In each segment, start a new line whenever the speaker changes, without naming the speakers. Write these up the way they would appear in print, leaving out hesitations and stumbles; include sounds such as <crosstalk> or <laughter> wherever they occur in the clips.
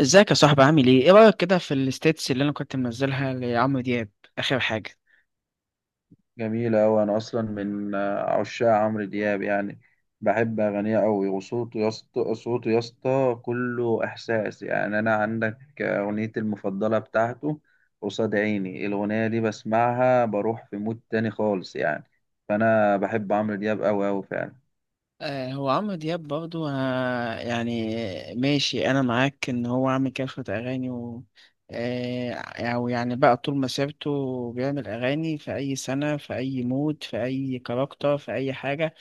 ازيك يا صاحبي، عامل ايه؟ ايه رأيك كده في الستيتس اللي انا كنت منزلها لعمرو دياب؟ اخر حاجة؟
جميلة أوي. أنا أصلا من عشاق عمرو دياب يعني. بحب أغانيه أوي، وصوته يا اسطى، صوته يا اسطى كله إحساس يعني. أنا عندك أغنيتي المفضلة بتاعته قصاد عيني. الأغنية دي بسمعها بروح في مود تاني خالص يعني، فأنا بحب عمرو دياب أوي أوي فعلا.
هو عمرو دياب برضو، يعني ماشي انا معاك ان هو عامل كافة اغاني، و آه او يعني بقى طول مسيرته بيعمل اغاني في اي سنة، في اي مود، في اي كاركتر، في اي حاجة.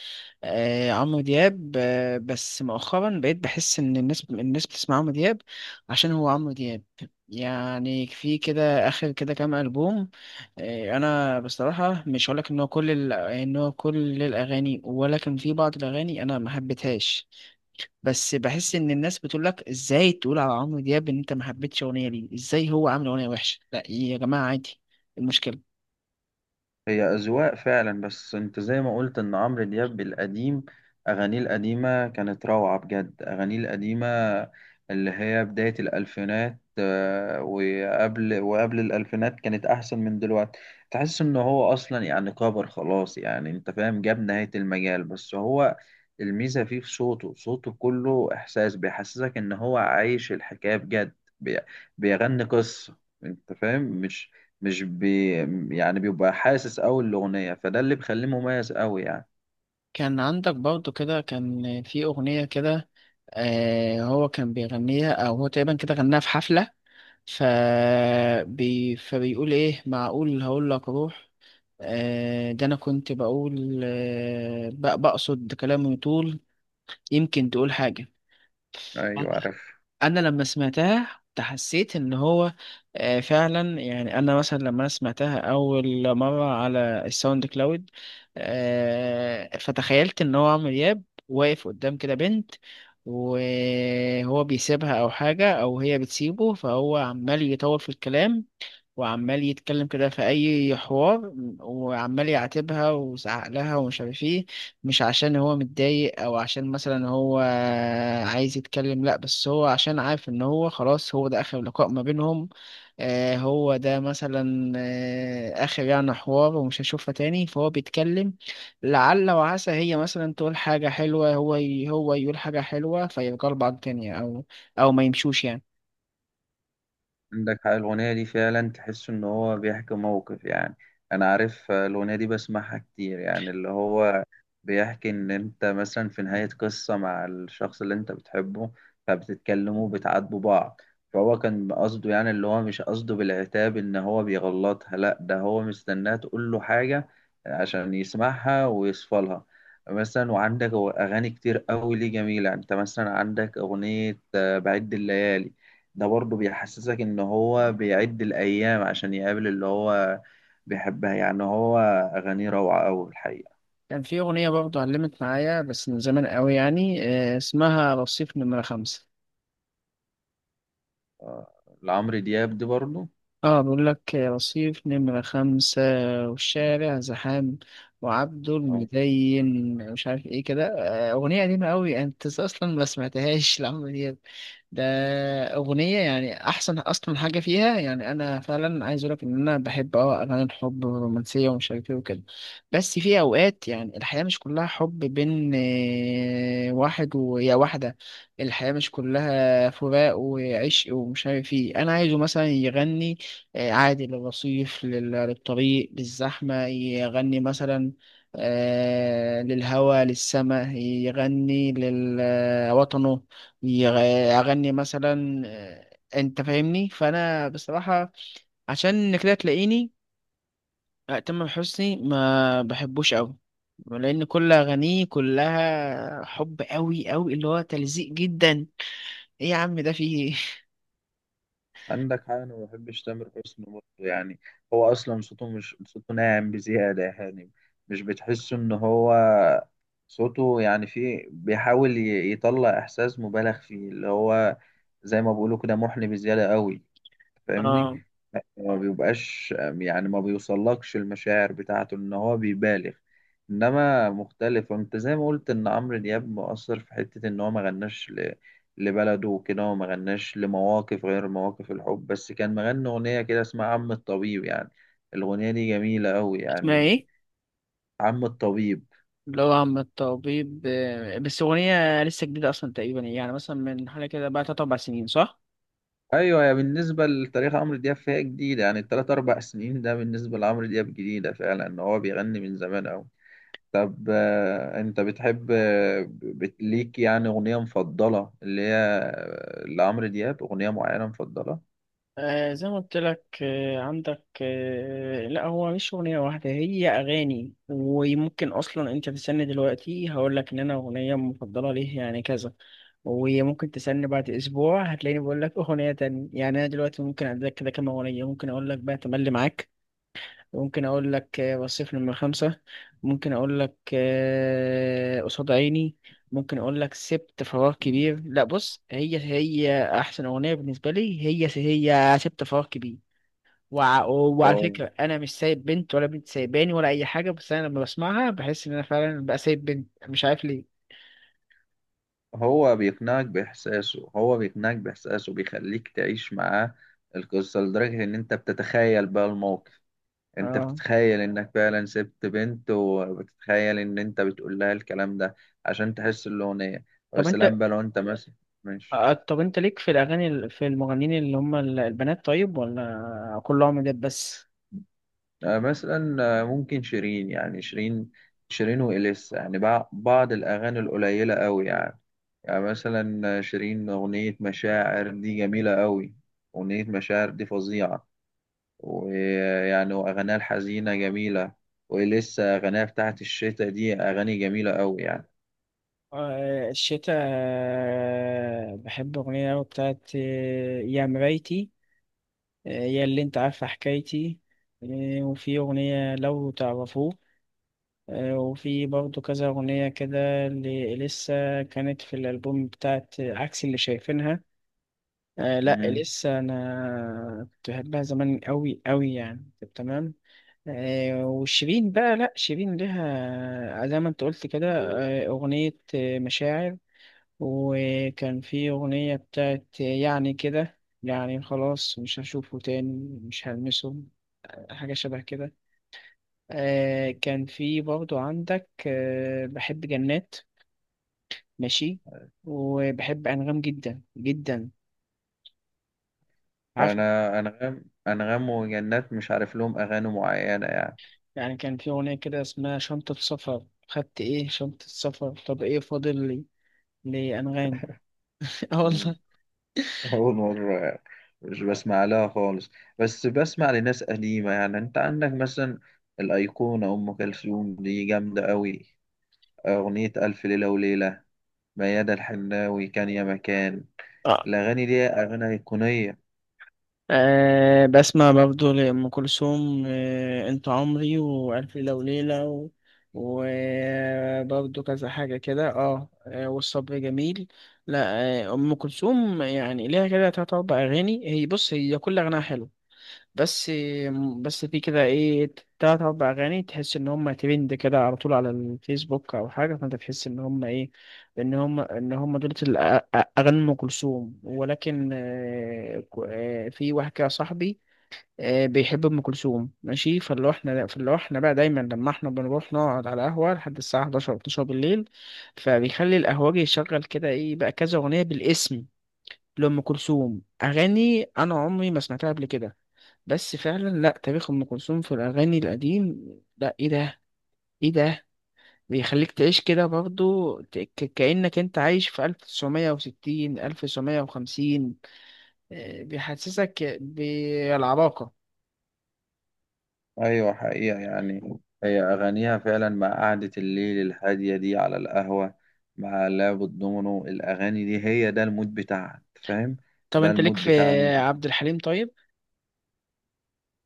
عمرو دياب، بس مؤخرا بقيت بحس ان الناس بتسمع عمرو دياب عشان هو عمرو دياب. يعني في كده اخر كده كام البوم، انا بصراحه مش هقولك ان هو كل ان هو كل الاغاني، ولكن في بعض الاغاني انا ما حبيتهاش. بس بحس ان الناس بتقول لك ازاي تقول على عمرو دياب ان انت ما حبيتش اغنيه؟ ليه؟ ازاي هو عامل اغنيه وحشه؟ لا يا جماعه، عادي، إيه المشكله؟
هي أذواق فعلا، بس أنت زي ما قلت إن عمرو دياب القديم، أغانيه القديمة كانت روعة بجد. أغانيه القديمة اللي هي بداية الألفينات وقبل الألفينات كانت أحسن من دلوقتي. تحس إن هو أصلا يعني كبر خلاص، يعني أنت فاهم، جاب نهاية المجال. بس هو الميزة فيه في صوته، صوته كله إحساس، بيحسسك إن هو عايش الحكاية بجد. بي- بيغني قصة، أنت فاهم؟ مش مش بي يعني بيبقى حاسس قوي الاغنيه، فده اللي بيخليه مميز قوي يعني.
كان عندك برضو كده، كان في أغنية كده، هو كان بيغنيها، أو هو تقريبا كده غناها في حفلة. ف... فبيقول إيه معقول، هقول لك روح. ده أنا كنت بقول، بقصد كلامي طول، يمكن تقول حاجة.
ايوه عارف.
انا لما سمعتها تحسيت ان هو، فعلا يعني انا مثلا لما انا سمعتها اول مره على الساوند كلاود، فتخيلت ان هو عمرو دياب واقف قدام كده بنت، وهو بيسيبها او حاجه، او هي بتسيبه، فهو عمال يطول في الكلام، وعمال يتكلم كده في اي حوار، وعمال يعاتبها ويزعق لها ومش عارف ايه. مش عشان هو متضايق او عشان مثلا هو عايز يتكلم، لا، بس هو عشان عارف ان هو خلاص هو ده اخر لقاء ما بينهم. هو ده مثلا، اخر يعني حوار، ومش هشوفها تاني، فهو بيتكلم لعل وعسى هي مثلا تقول حاجة حلوة، هو هو يقول حاجة حلوة فيرجعوا لبعض تاني، او او ما يمشوش يعني.
عندك حق، الأغنية دي فعلا تحس إن هو بيحكي موقف يعني. أنا عارف، الأغنية دي بسمعها كتير، يعني اللي هو بيحكي إن أنت مثلا في نهاية قصة مع الشخص اللي أنت بتحبه، فبتتكلموا، بتعاتبوا بعض. فهو كان قصده يعني، اللي هو مش قصده بالعتاب إن هو بيغلطها، لأ ده هو مستناها تقول له حاجة عشان يسمعها ويصفى لها مثلا. وعندك أغاني كتير أوي ليه جميلة يعني. أنت مثلا عندك أغنية بعد الليالي، ده برضه بيحسسك ان هو بيعد الايام عشان يقابل اللي هو بيحبها يعني. هو اغانيه روعه أوي الحقيقه.
كان في أغنية برضه علمت معايا بس من زمان قوي يعني، اسمها رصيف نمرة خمسة.
آه، لعمرو دياب دي برضه.
اه بيقول لك رصيف نمرة خمسة والشارع زحام، وعبده
آه،
المدين مش عارف ايه كده. أغنية قديمة أوي يعني أنت أصلا ما سمعتهاش <laughs> لعمرو دياب ده. أغنية يعني أحسن أصلا حاجة فيها. يعني أنا فعلا عايز أقولك إن أنا بحب أه أغاني الحب والرومانسية ومش عارف إيه وكده، بس في أوقات يعني الحياة مش كلها حب بين، واحد ويا واحدة. الحياة مش كلها فراق وعشق ومش عارف إيه. أنا عايزه مثلا يغني، عادي للرصيف، للطريق، للزحمة يغني، مثلا للهوا للسماء يغني، لوطنه يغني، مثلا انت فاهمني. فانا بصراحة عشان كده تلاقيني، تامر حسني ما بحبوش قوي، لان كل اغانيه كلها حب قوي قوي اللي هو تلزيق جدا. ايه يا عم ده فيه إيه؟ <laughs>
عندك حاجه، انا ما بحبش تامر حسني برضه يعني. هو اصلا صوته، مش صوته ناعم بزياده يعني. مش بتحس ان هو صوته يعني فيه، بيحاول يطلع احساس مبالغ فيه، اللي هو زي ما بيقولوا كده، محن بزياده قوي. فاهمني؟
اه.
ما بيبقاش يعني، ما بيوصلكش المشاعر بتاعته، ان هو بيبالغ. انما مختلف، انت زي ما قلت ان عمرو دياب مؤثر في حتة ان هو ما غناش لبلده وكده، وما غناش لمواقف غير مواقف الحب بس. كان مغني اغنية كده اسمها عم الطبيب يعني، الاغنية دي جميلة قوي
اسمها
يعني.
ايه؟
عم الطبيب.
اللي هو عم الطبيب. بس أغنية لسه جديدة أصلا تقريبا، يعني مثلا من حوالي كده بقى تلات أربع سنين، صح؟
ايوه، يا بالنسبة لتاريخ عمرو دياب فهي جديدة يعني. التلات اربع سنين ده بالنسبة لعمرو دياب جديدة فعلا، ان هو بيغني من زمان قوي. طب انت بتحب ليك يعني اغنية مفضلة، اللي هي لعمرو دياب اغنية معينة مفضلة؟
زي ما قلت لك، عندك، لا هو مش أغنية واحدة، هي أغاني. وممكن أصلا أنت تستني دلوقتي هقول لك إن أنا أغنية مفضلة ليه يعني كذا، وممكن تستني بعد أسبوع هتلاقيني بقول لك أغنية تانية. يعني أنا دلوقتي ممكن أديلك كده كام أغنية، ممكن أقول لك بقى تملي معاك. ممكن اقول لك وصفني من خمسة، ممكن اقول لك قصاد عيني، ممكن اقول لك سبت فراغ كبير. لا، بص، هي احسن اغنية بالنسبة لي، هي سبت فراغ كبير. وعلى
اه،
فكرة انا مش سايب بنت ولا بنت سايباني ولا اي حاجة، بس انا لما بسمعها بحس ان انا فعلا بقى سايب بنت، مش عارف ليه.
هو بيقنعك باحساسه، هو بيقنعك باحساسه، بيخليك تعيش معاه القصة، لدرجة ان انت بتتخيل بقى الموقف. انت
اه.
بتتخيل انك فعلا سبت بنت، وبتتخيل ان انت بتقول لها الكلام ده عشان تحس الاغنية. ويا
طب انت،
سلام بقى لو انت مثلا. ماشي.
طب انت ليك في الاغاني في المغنيين اللي هم البنات، طيب، ولا كلهم ده بس؟
مثلا ممكن شيرين يعني. شيرين، شيرين وإليسا يعني، بعض الأغاني القليلة أوي يعني. يعني مثلا شيرين أغنية مشاعر دي جميلة قوي، أغنية مشاعر دي فظيعة. ويعني وأغانيها الحزينة جميلة. ولسه أغانيها بتاعت الشتا دي أغاني جميلة قوي يعني.
الشتاء، بحب أغنية أوي بتاعت، يا مرايتي، يا اللي أنت عارفة حكايتي، وفي أغنية لو تعرفوه، وفي برضه كذا أغنية كده اللي لسه كانت في الألبوم بتاعت، عكس اللي شايفينها. لأ
مم.
لسه أنا كنت بحبها زمان أوي أوي يعني، طب تمام. وشيرين بقى، لأ شيرين ليها، زي ما أنت قلت كده، أغنية، مشاعر. وكان في أغنية بتاعت يعني كده، يعني خلاص مش هشوفه تاني مش هلمسه، حاجة شبه كده. كان في برضو عندك، بحب جنات، ماشي. وبحب أنغام جدا جدا، عارف.
أنا أنغام، أنغام وجنات مش عارف لهم أغاني معينة
يعني كان في أغنية كده اسمها شنطة سفر، خدت إيه شنطة سفر طب إيه فاضل لي، لأنغام. <laughs> آه
يعني.
والله.
أول مرة يعني، مش بسمع لها خالص. بس بسمع لناس قديمة. يعني أنت عندك مثلا الأيقونة أم كلثوم دي جامدة أوي، أغنية ألف ليلة وليلة، ميادة الحناوي كان يا مكان. الأغاني دي أغاني أيقونية.
أه بسمع برضه لأم كلثوم، أه أنت عمري، وألف ليلة وليلة، وبرضه كذا حاجة كده، اه، والصبر جميل، لا. أه أم كلثوم يعني ليها كده تلات أربع أغاني، هي بص، هي كل أغنية حلو، بس بس في كده ايه، تلات اربع اغاني تحس ان هم ترند كده على طول على الفيسبوك او حاجه، فانت تحس ان هم ايه، ان هم دول اغاني ام كلثوم. ولكن، في واحد كده صاحبي، بيحب ام كلثوم، ماشي. فاللي هو احنا بقى دايما لما احنا بنروح نقعد على قهوه لحد الساعه 11 أو 12 بالليل، فبيخلي القهوجي يشغل كده ايه بقى كذا اغنيه بالاسم لأم كلثوم، أغاني أنا عمري ما سمعتها قبل كده. بس فعلا لا، تاريخ ام كلثوم في الاغاني القديم، لا ايه ده، ايه ده، بيخليك تعيش كده برضو كأنك انت عايش في 1960، 1950، بيحسسك بالعراقة.
أيوة حقيقة. يعني هي أغانيها فعلا مع قعدة الليل الهادية دي على القهوة، مع لعب الدومينو، الأغاني دي هي ده المود بتاعها. أنت فاهم؟
طب
ده
انت ليك
المود
في
بتاع أم كلثوم.
عبد الحليم، طيب؟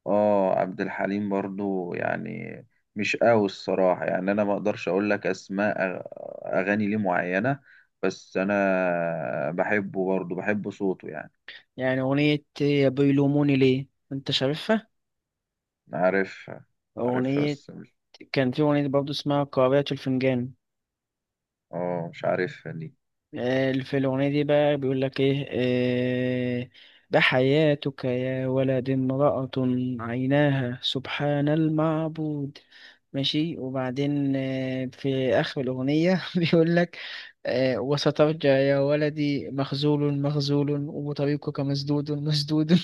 اه، عبد الحليم برضو يعني مش قوي الصراحة. يعني انا ما اقدرش اقول لك اسماء اغاني ليه معينة، بس انا بحبه برضو، بحب صوته يعني.
يعني اغنية بيلوموني ليه، انت شايفها؟
عارفها. عارفها
اغنية.
بس مش.
كان في اغنية برضو اسمها قارئة الفنجان.
اه مش عارفها دي.
في الأغنية دي بقى بيقول لك إيه، آه، بحياتك يا ولد امرأة عيناها سبحان المعبود، ماشي، وبعدين في آخر الأغنية <laughs> بيقول لك وسترجع يا ولدي مخذول مخذول، وطريقك مسدود مسدود. <laughs>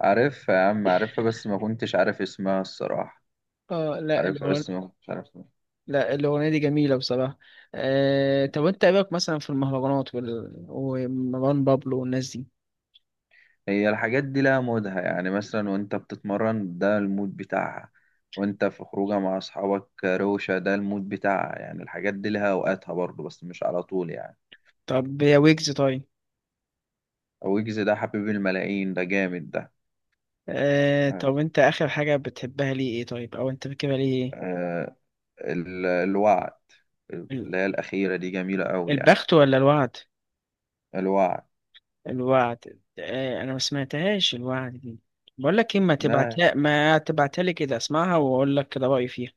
عارفها يا عم، عارفها بس ما كنتش عارف اسمها الصراحة.
اه لا
عارفها
الأغنية،
بس ما كنتش عارف اسمها.
لا الأغنية دي جميلة بصراحة. طب أنت إيه رأيك مثلا في المهرجانات ومروان بابلو والناس دي؟
هي الحاجات دي لها مودها. يعني مثلا وانت بتتمرن ده المود بتاعها، وانت في خروجه مع اصحابك روشة ده المود بتاعها. يعني الحاجات دي لها اوقاتها برضه، بس مش على طول يعني.
طب يا ويجز، طيب؟
ويجز ده حبيب الملايين، ده جامد ده. آه.
طب انت اخر حاجة بتحبها ليه ايه، طيب، او انت فاكرها ليه ايه؟
آه. الوعد،
ال-
اللي هي الأخيرة دي جميلة أوي يعني.
البخت ولا الوعد؟
الوعد.
الوعد، انا ما سمعتهاش الوعد دي. بقول لك ايه، ما
لا
تبعتها ما تبعتها لي كده، اسمعها واقول لك كده رأيي فيها.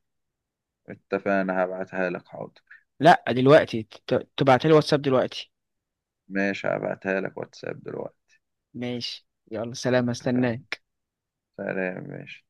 اتفقنا، هبعتها لك حاضر.
لا دلوقتي، تبعتها لي واتساب دلوقتي.
ماشي، هبعتها لك واتساب دلوقتي.
ماشي، يلا، سلام،
اتفقنا.
استناك.
سلام ماشي.